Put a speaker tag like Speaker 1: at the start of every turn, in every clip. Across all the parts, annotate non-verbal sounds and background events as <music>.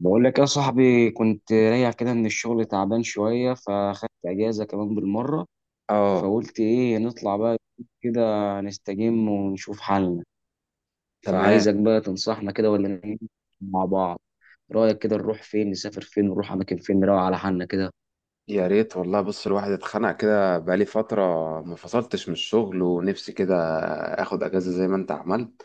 Speaker 1: بقول لك يا صاحبي، كنت راجع كده من الشغل تعبان شوية، فاخدت أجازة كمان بالمرة.
Speaker 2: اه.
Speaker 1: فقلت إيه، نطلع بقى كده، نستجم ونشوف حالنا.
Speaker 2: تمام.
Speaker 1: فعايزك بقى تنصحنا كده، ولا نعمل مع بعض، رأيك كده نروح فين؟ نسافر فين؟ نروح أماكن فين؟ نروق على حالنا كده.
Speaker 2: يا ريت والله، بص الواحد اتخنق كده بقالي فترة، ما فصلتش من الشغل ونفسي كده اخد اجازة زي ما انت عملت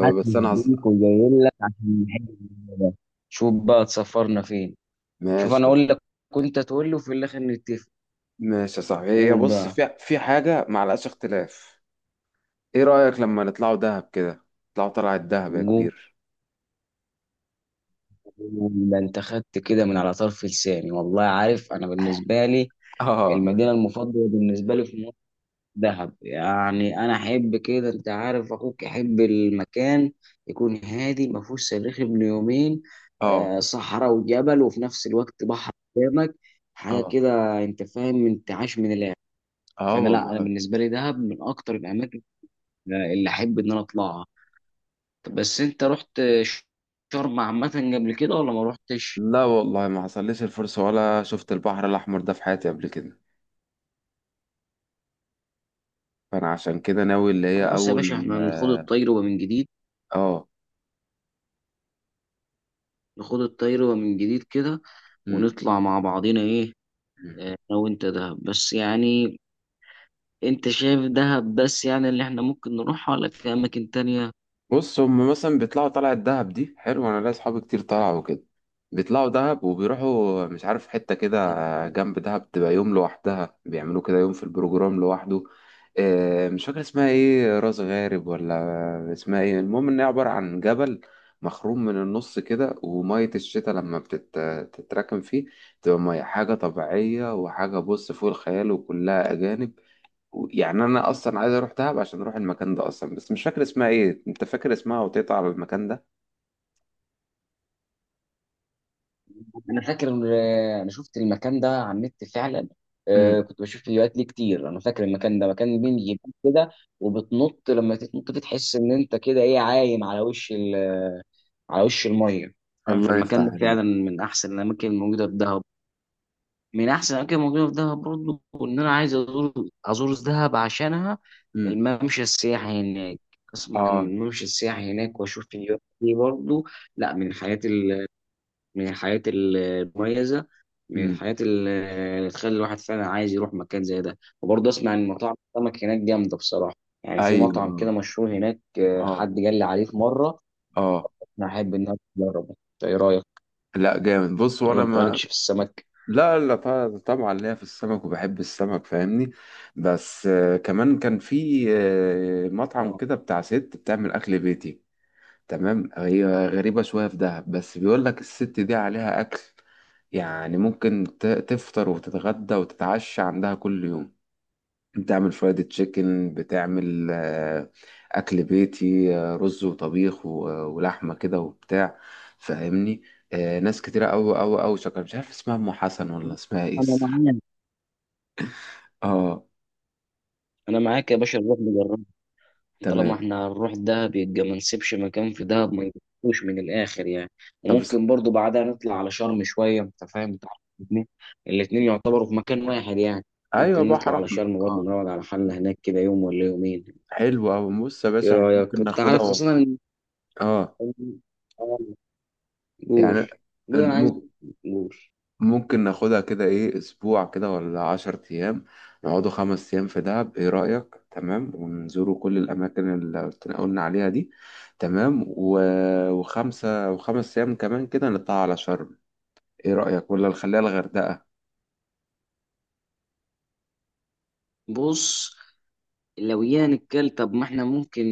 Speaker 1: حاسس
Speaker 2: انا
Speaker 1: بيك وجاي لك عشان نحل الموضوع ده. شوف بقى تسافرنا فين. شوف، أنا
Speaker 2: ماشي.
Speaker 1: أقول لك، كنت تقول لي وفي الآخر نتفق.
Speaker 2: ماشي يا صاحبي، هي
Speaker 1: قول
Speaker 2: بص
Speaker 1: بقى،
Speaker 2: في حاجة معلقاش اختلاف. ايه رأيك لما نطلعوا دهب كده؟ نطلعوا طلعة دهب يا
Speaker 1: قول.
Speaker 2: كبير.
Speaker 1: ده انت خدت كده من على طرف لساني والله. عارف انا بالنسبه لي
Speaker 2: <laughs> اه.
Speaker 1: المدينه المفضله بالنسبه لي في مصر دهب. يعني انا احب كده، انت عارف اخوك احب المكان يكون هادي ما فيهوش صريخ ابن يومين.
Speaker 2: اه.
Speaker 1: صحراء وجبل، وفي نفس الوقت بحر قدامك، حاجه
Speaker 2: اه.
Speaker 1: كده انت فاهم، انت عايش من الاخر.
Speaker 2: اه
Speaker 1: فانا، لا، انا
Speaker 2: والله.
Speaker 1: بالنسبه لي دهب من اكتر الاماكن اللي احب ان انا اطلعها. طب بس انت رحت شرم عامه قبل كده ولا ما رحتش؟
Speaker 2: لا والله، ما حصلليش الفرصة ولا شفت البحر الأحمر ده في حياتي قبل كده، فأنا عشان كده ناوي اللي هي
Speaker 1: خلاص يا باشا،
Speaker 2: أول
Speaker 1: احنا نخوض
Speaker 2: اه.
Speaker 1: الطير ومن جديد،
Speaker 2: آه.
Speaker 1: نخوض الطير ومن جديد كده، ونطلع مع بعضينا ايه.
Speaker 2: مم.
Speaker 1: انا وانت دهب بس يعني، انت شايف دهب بس يعني اللي احنا ممكن نروحها، ولا في اماكن تانية؟
Speaker 2: بص، هم مثلا بيطلعوا طلعة دهب دي حلو، انا ليا اصحابي كتير طلعوا كده، بيطلعوا دهب وبيروحوا مش عارف حتة كده جنب دهب تبقى يوم لوحدها، بيعملوا كده يوم في البروجرام لوحده. مش فاكر اسمها ايه، راس غارب ولا اسمها ايه، المهم ان هي عبارة عن جبل مخروم من النص كده، ومية الشتاء لما بتتراكم فيه تبقى مية حاجة طبيعية، وحاجة بص فوق الخيال، وكلها أجانب. يعني انا اصلا عايز اروح دهب عشان اروح المكان ده اصلا، بس مش فاكر اسمها ايه، انت فاكر اسمها وتقطع على المكان ده؟
Speaker 1: انا فاكر، انا شفت المكان ده على النت فعلا.
Speaker 2: امم.
Speaker 1: كنت بشوف فيديوهات ليه كتير، انا فاكر المكان ده مكان بين جبال كده، وبتنط. لما تنط دي تحس ان انت كده ايه، عايم على وش على وش الميه، فاهم.
Speaker 2: الله يفتح
Speaker 1: فالمكان ده
Speaker 2: عليك.
Speaker 1: فعلا من احسن الاماكن الموجودة في دهب، من احسن الاماكن الموجوده في دهب برضه. ان انا عايز ازور دهب عشانها،
Speaker 2: امم.
Speaker 1: الممشى السياحي هناك. اسمع عن
Speaker 2: اه.
Speaker 1: الممشى السياحي هناك واشوف فيديوهات دي برضه. لا، من الحاجات من الحاجات المميزه، من
Speaker 2: امم.
Speaker 1: الحاجات اللي تخلي الواحد فعلا عايز يروح مكان زي ده. وبرضه اسمع ان مطاعم السمك هناك جامده بصراحه، يعني في
Speaker 2: ايوه.
Speaker 1: مطعم
Speaker 2: اه.
Speaker 1: كده مشهور هناك،
Speaker 2: اه.
Speaker 1: حد قال لي عليه في مره.
Speaker 2: اه.
Speaker 1: انا احب ان انا اجربه، إنت ايه رايك؟
Speaker 2: لا جامد، بص
Speaker 1: ولا
Speaker 2: وانا
Speaker 1: انت
Speaker 2: ما...
Speaker 1: مالكش في السمك؟
Speaker 2: لا لا، طبعا طبعاً ليا في السمك وبحب السمك فاهمني، بس كمان كان في مطعم
Speaker 1: آه.
Speaker 2: كده بتاع ست بتعمل اكل بيتي. تمام، هي غريبة شوية في دهب، بس بيقول لك الست دي عليها اكل، يعني ممكن تفطر وتتغدى وتتعشى عندها كل يوم، بتعمل فرايد تشيكن، بتعمل أكل بيتي، رز وطبيخ ولحمة كده وبتاع، فاهمني. ناس كتيرة أوي أوي أوي شكرا، مش عارف اسمها أم حسن ولا اسمها إيه
Speaker 1: انا
Speaker 2: الصراحة.
Speaker 1: معاك،
Speaker 2: اه.
Speaker 1: انا معاك يا باشا، نروح نجرب. طالما
Speaker 2: تمام.
Speaker 1: احنا هنروح دهب يبقى ما نسيبش مكان في دهب ما نجربوش من الاخر يعني.
Speaker 2: طب
Speaker 1: وممكن برضو بعدها نطلع على شرم شويه، انت فاهم بتاع الاثنين. الاثنين يعتبروا في مكان واحد يعني،
Speaker 2: أيوة،
Speaker 1: ممكن نطلع
Speaker 2: بحر
Speaker 1: على
Speaker 2: أحمر
Speaker 1: شرم برضو،
Speaker 2: اه.
Speaker 1: نقعد على حالنا هناك كده يوم ولا يومين.
Speaker 2: حلو أوي، بص يا
Speaker 1: ايه
Speaker 2: باشا إحنا
Speaker 1: رايك؟
Speaker 2: ممكن
Speaker 1: انت
Speaker 2: ناخدها
Speaker 1: عارف
Speaker 2: و...
Speaker 1: خاصه ان
Speaker 2: اه،
Speaker 1: آه، قول،
Speaker 2: يعني
Speaker 1: قول انا عايز، قول.
Speaker 2: ممكن ناخدها كده ايه اسبوع كده ولا عشر ايام، نقعدوا خمس ايام في دهب ايه رأيك؟ تمام، ونزوروا كل الاماكن اللي قلنا عليها دي. تمام و... وخمسة وخمس ايام كمان كده نطلع على شرم. ايه رأيك ولا نخليها الغردقة؟
Speaker 1: بص، لو يعني الكل، طب ما احنا ممكن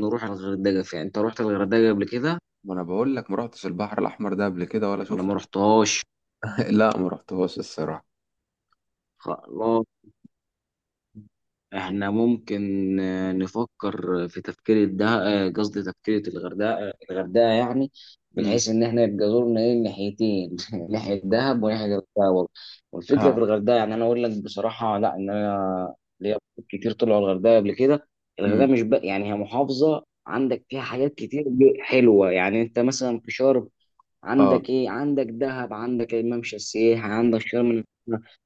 Speaker 1: نروح الغردقه فعلا. انت رحت الغردقه قبل كده
Speaker 2: ما انا بقول لك ما رحتش البحر الاحمر ده قبل كده ولا
Speaker 1: ولا ما
Speaker 2: شفته.
Speaker 1: رحتهاش؟
Speaker 2: <laughs> لا، ما رحتهوش الصراحة.
Speaker 1: خلاص، احنا ممكن نفكر في تفكير الده، قصدي تفكير الغردقه. الغردقه يعني
Speaker 2: امم.
Speaker 1: بحيث ان احنا يبقى زورنا ايه ناحيتين <laughs> ناحيه دهب وناحيه الغردقه برضه. والفكره في
Speaker 2: اه.
Speaker 1: الغردقه، يعني انا اقول لك بصراحه، لا، ان انا ليا أصحاب كتير طلعوا الغردقه قبل كده. الغردقه
Speaker 2: امم.
Speaker 1: مش بقى، يعني هي محافظه عندك فيها حاجات كتير حلوه يعني. انت مثلا في شرم
Speaker 2: اه.
Speaker 1: عندك ايه؟ عندك دهب، عندك الممشى السياحي، عندك شرم الشيخ.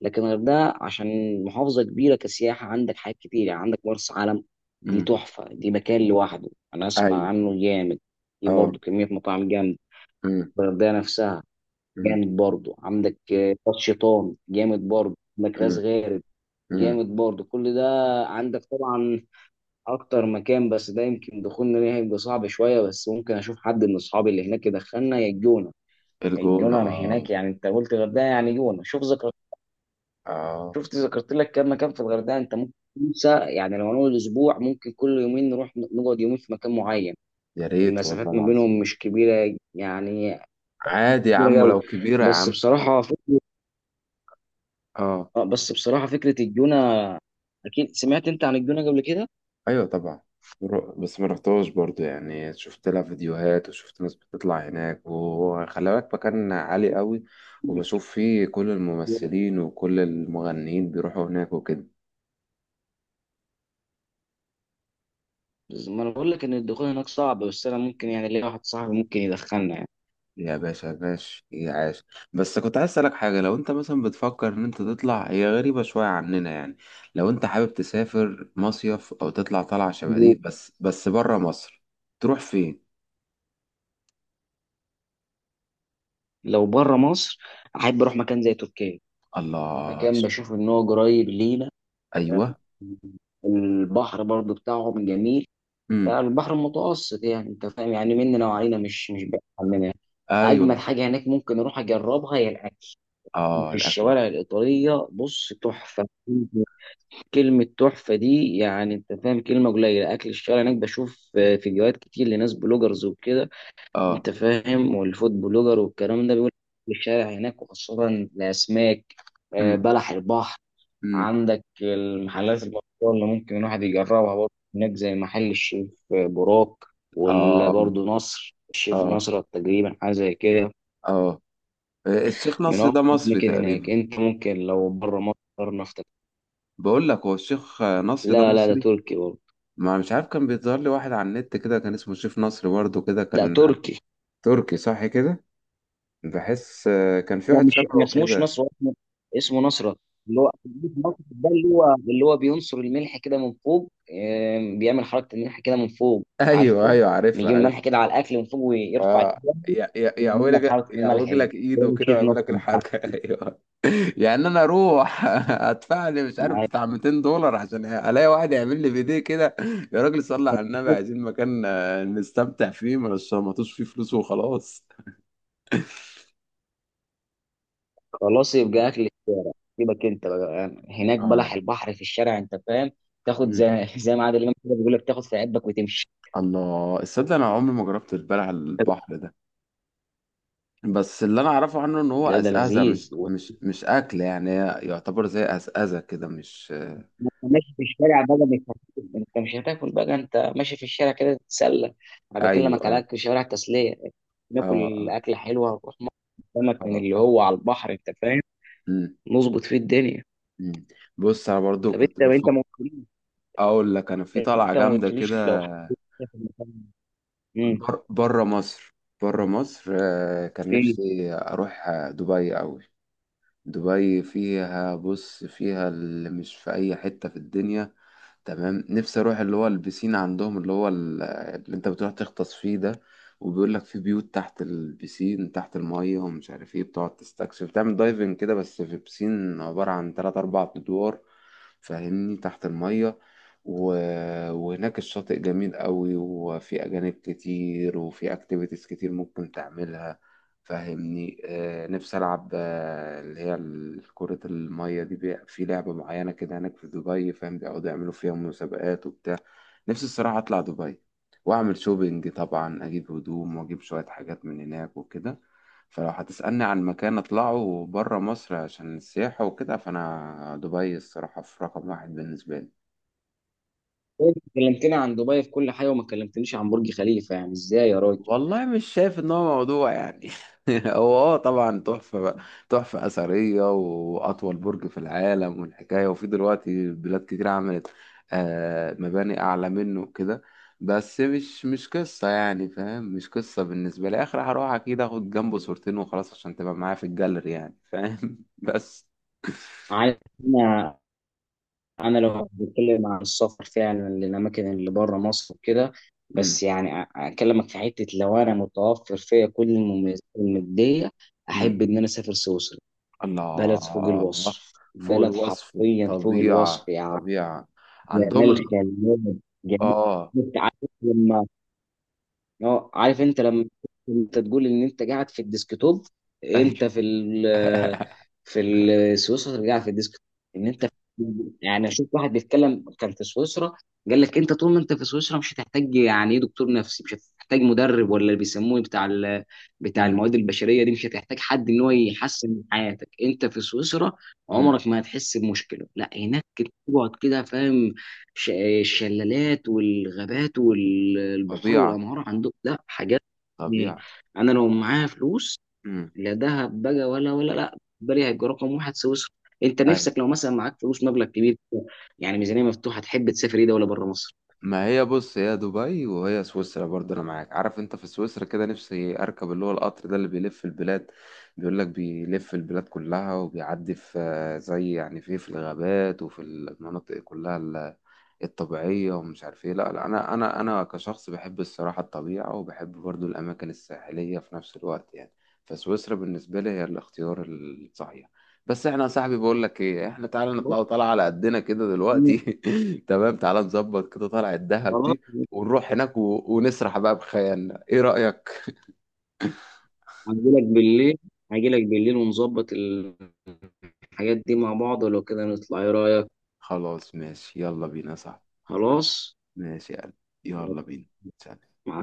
Speaker 1: لكن الغردقه، عشان محافظه كبيره كسياحه، عندك حاجات كتير يعني. عندك مرسى علم، دي
Speaker 2: امم.
Speaker 1: تحفه، دي مكان لوحده انا اسمع
Speaker 2: ايوه.
Speaker 1: عنه جامد. دي
Speaker 2: اه.
Speaker 1: برضه كميه مطاعم جامد،
Speaker 2: امم.
Speaker 1: الغردقه نفسها
Speaker 2: امم.
Speaker 1: جامد برضه. عندك راس شيطان جامد برضه، عندك راس
Speaker 2: امم.
Speaker 1: غارب
Speaker 2: امم.
Speaker 1: جامد برضه، كل ده. عندك طبعا اكتر مكان، بس ده يمكن دخولنا ليه هيبقى صعب شويه، بس ممكن اشوف حد من اصحابي اللي هناك يدخلنا، يا الجونه.
Speaker 2: الجونة
Speaker 1: الجونر
Speaker 2: اه.
Speaker 1: هناك يعني، انت قلت الغردقه يعني جونه. شوف ذكرت،
Speaker 2: اه.
Speaker 1: شفت ذكرت لك كم مكان في الغردقه، انت ممكن تنسى يعني. لو نقول اسبوع، ممكن كل يومين نروح نقعد يومين في مكان معين،
Speaker 2: يا ريت والله
Speaker 1: المسافات ما
Speaker 2: العظيم.
Speaker 1: بينهم مش كبيره يعني.
Speaker 2: عادي يا
Speaker 1: كبيره
Speaker 2: عم،
Speaker 1: قوي،
Speaker 2: لو كبيرة يا
Speaker 1: بس
Speaker 2: عم.
Speaker 1: بصراحه فكره.
Speaker 2: اه.
Speaker 1: اه، بس بصراحه فكره الجونه، اكيد سمعت انت عن الجونه قبل كده.
Speaker 2: ايوه طبعا. بس ما رحتهاش برضو، يعني شفت لها فيديوهات وشفت ناس بتطلع هناك، وخلي بالك مكان عالي قوي، وبشوف فيه كل الممثلين وكل المغنيين بيروحوا هناك وكده.
Speaker 1: ما انا بقول لك ان الدخول هناك صعب، بس انا ممكن يعني، ليا واحد صاحبي ممكن يدخلنا يعني.
Speaker 2: يا باشا باش يا عاش. بس كنت عايز اسألك حاجة، لو انت مثلا بتفكر ان انت تطلع، هي غريبة شوية عننا يعني، لو انت حابب تسافر مصيف او تطلع طلعة شبه دي بس بره مصر، تروح فين؟
Speaker 1: لو بره مصر، احب اروح مكان زي تركيا،
Speaker 2: الله.
Speaker 1: مكان بشوف ان هو قريب لينا.
Speaker 2: ايوه.
Speaker 1: البحر برضو بتاعهم جميل،
Speaker 2: امم.
Speaker 1: فالبحر المتوسط يعني انت فاهم، يعني مننا وعلينا مش بعيد عننا.
Speaker 2: ايوه.
Speaker 1: اجمل حاجه هناك ممكن اروح اجربها هي الاكل
Speaker 2: اه
Speaker 1: في
Speaker 2: الاكل.
Speaker 1: الشوارع الايطاليه، بص تحفه. كلمه تحفه دي يعني انت فاهم كلمه قليله. اكل الشارع هناك بشوف فيديوهات كتير لناس بلوجرز وكده،
Speaker 2: اه.
Speaker 1: انت فاهم، والفود بلوجر والكلام ده بيقول أكل الشارع هناك وخاصه الاسماك،
Speaker 2: امم.
Speaker 1: بلح البحر.
Speaker 2: امم.
Speaker 1: عندك المحلات المشهورة اللي ممكن الواحد يجربها برضه هناك، زي محل الشيف براك،
Speaker 2: اه. اه.
Speaker 1: وبرضه نصر. الشيف
Speaker 2: اه.
Speaker 1: نصر تقريبا حاجة زي كده،
Speaker 2: آه. الشيخ
Speaker 1: من
Speaker 2: نصر
Speaker 1: أكتر
Speaker 2: ده مصري
Speaker 1: الأماكن هناك.
Speaker 2: تقريبا.
Speaker 1: أنت ممكن لو بره مصر نفطر.
Speaker 2: بقول لك هو الشيخ نصر ده
Speaker 1: لا، لا، ده
Speaker 2: مصري؟
Speaker 1: تركي برضه.
Speaker 2: ما مش عارف، كان بيظهر لي واحد على النت كده كان اسمه الشيخ نصر برضه كده
Speaker 1: لا،
Speaker 2: كان.
Speaker 1: تركي.
Speaker 2: تركي صح كده. بحس كان في
Speaker 1: هو
Speaker 2: واحد
Speaker 1: مش، ما
Speaker 2: شبهه
Speaker 1: اسموش
Speaker 2: كده
Speaker 1: نصر،
Speaker 2: <laughs>
Speaker 1: هو اسمه نصرة. اللي هو نصرة ده، اللي هو بينصر الملح كده من فوق. بيعمل حركة الملح كده من فوق،
Speaker 2: ايوه.
Speaker 1: عارفه.
Speaker 2: ايوه عارفها،
Speaker 1: بيجيب
Speaker 2: عارف.
Speaker 1: الملح كده على الأكل من فوق ويرفع
Speaker 2: اه.
Speaker 1: الجنب، ويعمل
Speaker 2: يعوج
Speaker 1: لك
Speaker 2: لك
Speaker 1: حركة الملح
Speaker 2: يعوج
Speaker 1: دي.
Speaker 2: لك
Speaker 1: هو
Speaker 2: ايده
Speaker 1: ده
Speaker 2: كده
Speaker 1: شيف
Speaker 2: ويعمل
Speaker 1: نصر،
Speaker 2: لك
Speaker 1: مش عارف.
Speaker 2: الحركه <laughs> ايوه. يعني انا اروح <laughs> ادفع لي مش عارف
Speaker 1: عارف.
Speaker 2: بتاع 200 دولار عشان الاقي واحد يعمل لي فيديو كده؟ يا راجل صلي على النبي، عايزين مكان نستمتع فيه، ما نشمطوش فيه فلوس وخلاص.
Speaker 1: خلاص يبقى أكل الشارع. سيبك أنت بقى، هناك بلح
Speaker 2: اه.
Speaker 1: البحر في الشارع أنت فاهم، تاخد
Speaker 2: مم.
Speaker 1: زي ما عادل إمام كده بيقول لك، تاخد في عبك وتمشي.
Speaker 2: الله، الصدق انا عمري ما جربت البلع على البحر ده، بس اللي انا اعرفه عنه ان هو
Speaker 1: لا، ده
Speaker 2: اسئزه، مش
Speaker 1: لذيذ.
Speaker 2: مش مش اكل يعني، هي يعتبر زي اسئزه كده مش...
Speaker 1: ما انت ماشي في الشارع بقى، مش هت- انت مش هتاكل بقى، انت ماشي في الشارع كده تتسلى. انا
Speaker 2: ايوه.
Speaker 1: بكلمك على
Speaker 2: اه.
Speaker 1: اكل شوارع تسليه،
Speaker 2: اه.
Speaker 1: ناكل
Speaker 2: اه.
Speaker 1: اكله حلوه ونروح مطعم سمك من
Speaker 2: اه.
Speaker 1: اللي هو على البحر، انت فاهم،
Speaker 2: مم،
Speaker 1: نظبط فيه الدنيا.
Speaker 2: مم. بص انا برضو
Speaker 1: طب
Speaker 2: كنت
Speaker 1: انت
Speaker 2: بفكر
Speaker 1: ما قلتليش،
Speaker 2: اقول لك انا في طلعه
Speaker 1: انت ما
Speaker 2: جامده كده.
Speaker 1: قلتليش لو حاجه في المكان، امم
Speaker 2: بره مصر. بره مصر. كان
Speaker 1: فين؟
Speaker 2: نفسي اروح دبي قوي. دبي فيها، بص فيها اللي مش في اي حتة في الدنيا. تمام، نفسي اروح اللي هو البسين عندهم، اللي هو اللي انت بتروح تغطس فيه ده، وبيقول لك في بيوت تحت البسين تحت المية ومش عارف ايه، بتقعد تستكشف، تعمل دايفنج كده، بس في بسين عبارة عن تلات أربع أدوار فاهمني، تحت المية. و... وهناك الشاطئ جميل قوي وفي أجانب كتير وفي أكتيفيتيز كتير ممكن تعملها فاهمني. نفسي ألعب اللي هي كرة المية دي، في لعبة معينة كده هناك في دبي فاهم، بيقعدوا يعملوا فيها مسابقات وبتاع. نفسي الصراحة أطلع دبي، وأعمل شوبينج طبعا، أجيب هدوم وأجيب شوية حاجات من هناك وكده. فلو هتسألني عن مكان أطلعه برا مصر عشان السياحة وكده، فأنا دبي الصراحة في رقم واحد بالنسبة لي.
Speaker 1: انت كلمتني عن دبي في كل حاجه وما كلمتنيش عن برج خليفه، يعني ازاي يا راجل؟
Speaker 2: والله مش شايف ان هو موضوع يعني. <laughs> هو اه طبعا تحفة بقى، تحفة أثرية وأطول برج في العالم والحكاية، وفي دلوقتي بلاد كتير عملت مباني أعلى منه وكده، بس مش قصة يعني فاهم، مش قصة بالنسبة لي، آخر هروح أكيد آخد جنبه صورتين وخلاص عشان تبقى معايا في الجاليري يعني فاهم <laughs> بس
Speaker 1: عايز، انا لو بتكلم عن السفر فعلا للاماكن اللي بره مصر وكده،
Speaker 2: مم.
Speaker 1: بس يعني اكلمك في حته، لو انا متوفر فيا كل المميزات الماديه،
Speaker 2: مم.
Speaker 1: احب ان انا اسافر سويسرا. بلد فوق
Speaker 2: الله.
Speaker 1: الوصف،
Speaker 2: فوق
Speaker 1: بلد
Speaker 2: الوصف،
Speaker 1: حرفيا فوق الوصف
Speaker 2: الطبيعة،
Speaker 1: يعني،
Speaker 2: طبيعة عندهم
Speaker 1: جمال
Speaker 2: ال...
Speaker 1: خلاب، جمال.
Speaker 2: اه.
Speaker 1: عارف لما، اه عارف انت لما انت تقول ان انت قاعد في الديسكتوب، انت
Speaker 2: <laughs> <laughs>
Speaker 1: في سويسرا قاعد في الديسكتوب، ان انت يعني، اشوف واحد بيتكلم كان في سويسرا، قال لك انت طول ما انت في سويسرا مش هتحتاج يعني ايه دكتور نفسي، مش هتحتاج مدرب، ولا اللي بيسموه بتاع
Speaker 2: امم.
Speaker 1: المواد البشريه دي، مش هتحتاج حد ان هو يحسن من حياتك انت في سويسرا.
Speaker 2: امم.
Speaker 1: عمرك ما هتحس بمشكله لا هناك، تقعد كده فاهم. ش- الشلالات والغابات والبحور
Speaker 2: طبيعة.
Speaker 1: والانهار عندهم، لا حاجات يعني.
Speaker 2: طبيعة.
Speaker 1: انا لو معايا فلوس،
Speaker 2: امم.
Speaker 1: لا دهب بقى ولا لا بالي، هيبقى رقم واحد سويسرا. انت
Speaker 2: ايوه،
Speaker 1: نفسك لو مثلا معاك فلوس مبلغ كبير، يعني ميزانيه مفتوحه، تحب تسافر ايه دوله بره مصر؟
Speaker 2: ما هي بص، هي دبي وهي سويسرا برضه انا معاك، عارف انت في سويسرا كده نفسي اركب اللي هو القطر ده اللي بيلف البلاد، بيقول لك بيلف البلاد كلها وبيعدي في زي يعني في الغابات وفي المناطق كلها الطبيعية ومش عارف ايه، لا لا انا كشخص بحب الصراحة الطبيعة وبحب برضه الاماكن الساحلية في نفس الوقت يعني، فسويسرا بالنسبة لي هي الاختيار الصحيح. بس احنا يا صاحبي بقول لك ايه، احنا تعالى نطلع
Speaker 1: بص،
Speaker 2: طالعه على قدنا كده
Speaker 1: مم،
Speaker 2: دلوقتي <laughs> تمام، تعالى نظبط كده طلعه الدهب
Speaker 1: خلاص.
Speaker 2: دي، ونروح هناك و... ونسرح بقى بخيالنا، ايه رأيك؟
Speaker 1: هجي لك بالليل، هجي لك بالليل ونظبط الحاجات دي مع بعض، ولو كده نطلع ايه رايك؟
Speaker 2: خلاص ماشي، يلا بينا يا صاحبي.
Speaker 1: خلاص.
Speaker 2: ماشي يا قلبي. يلا بينا. سلام.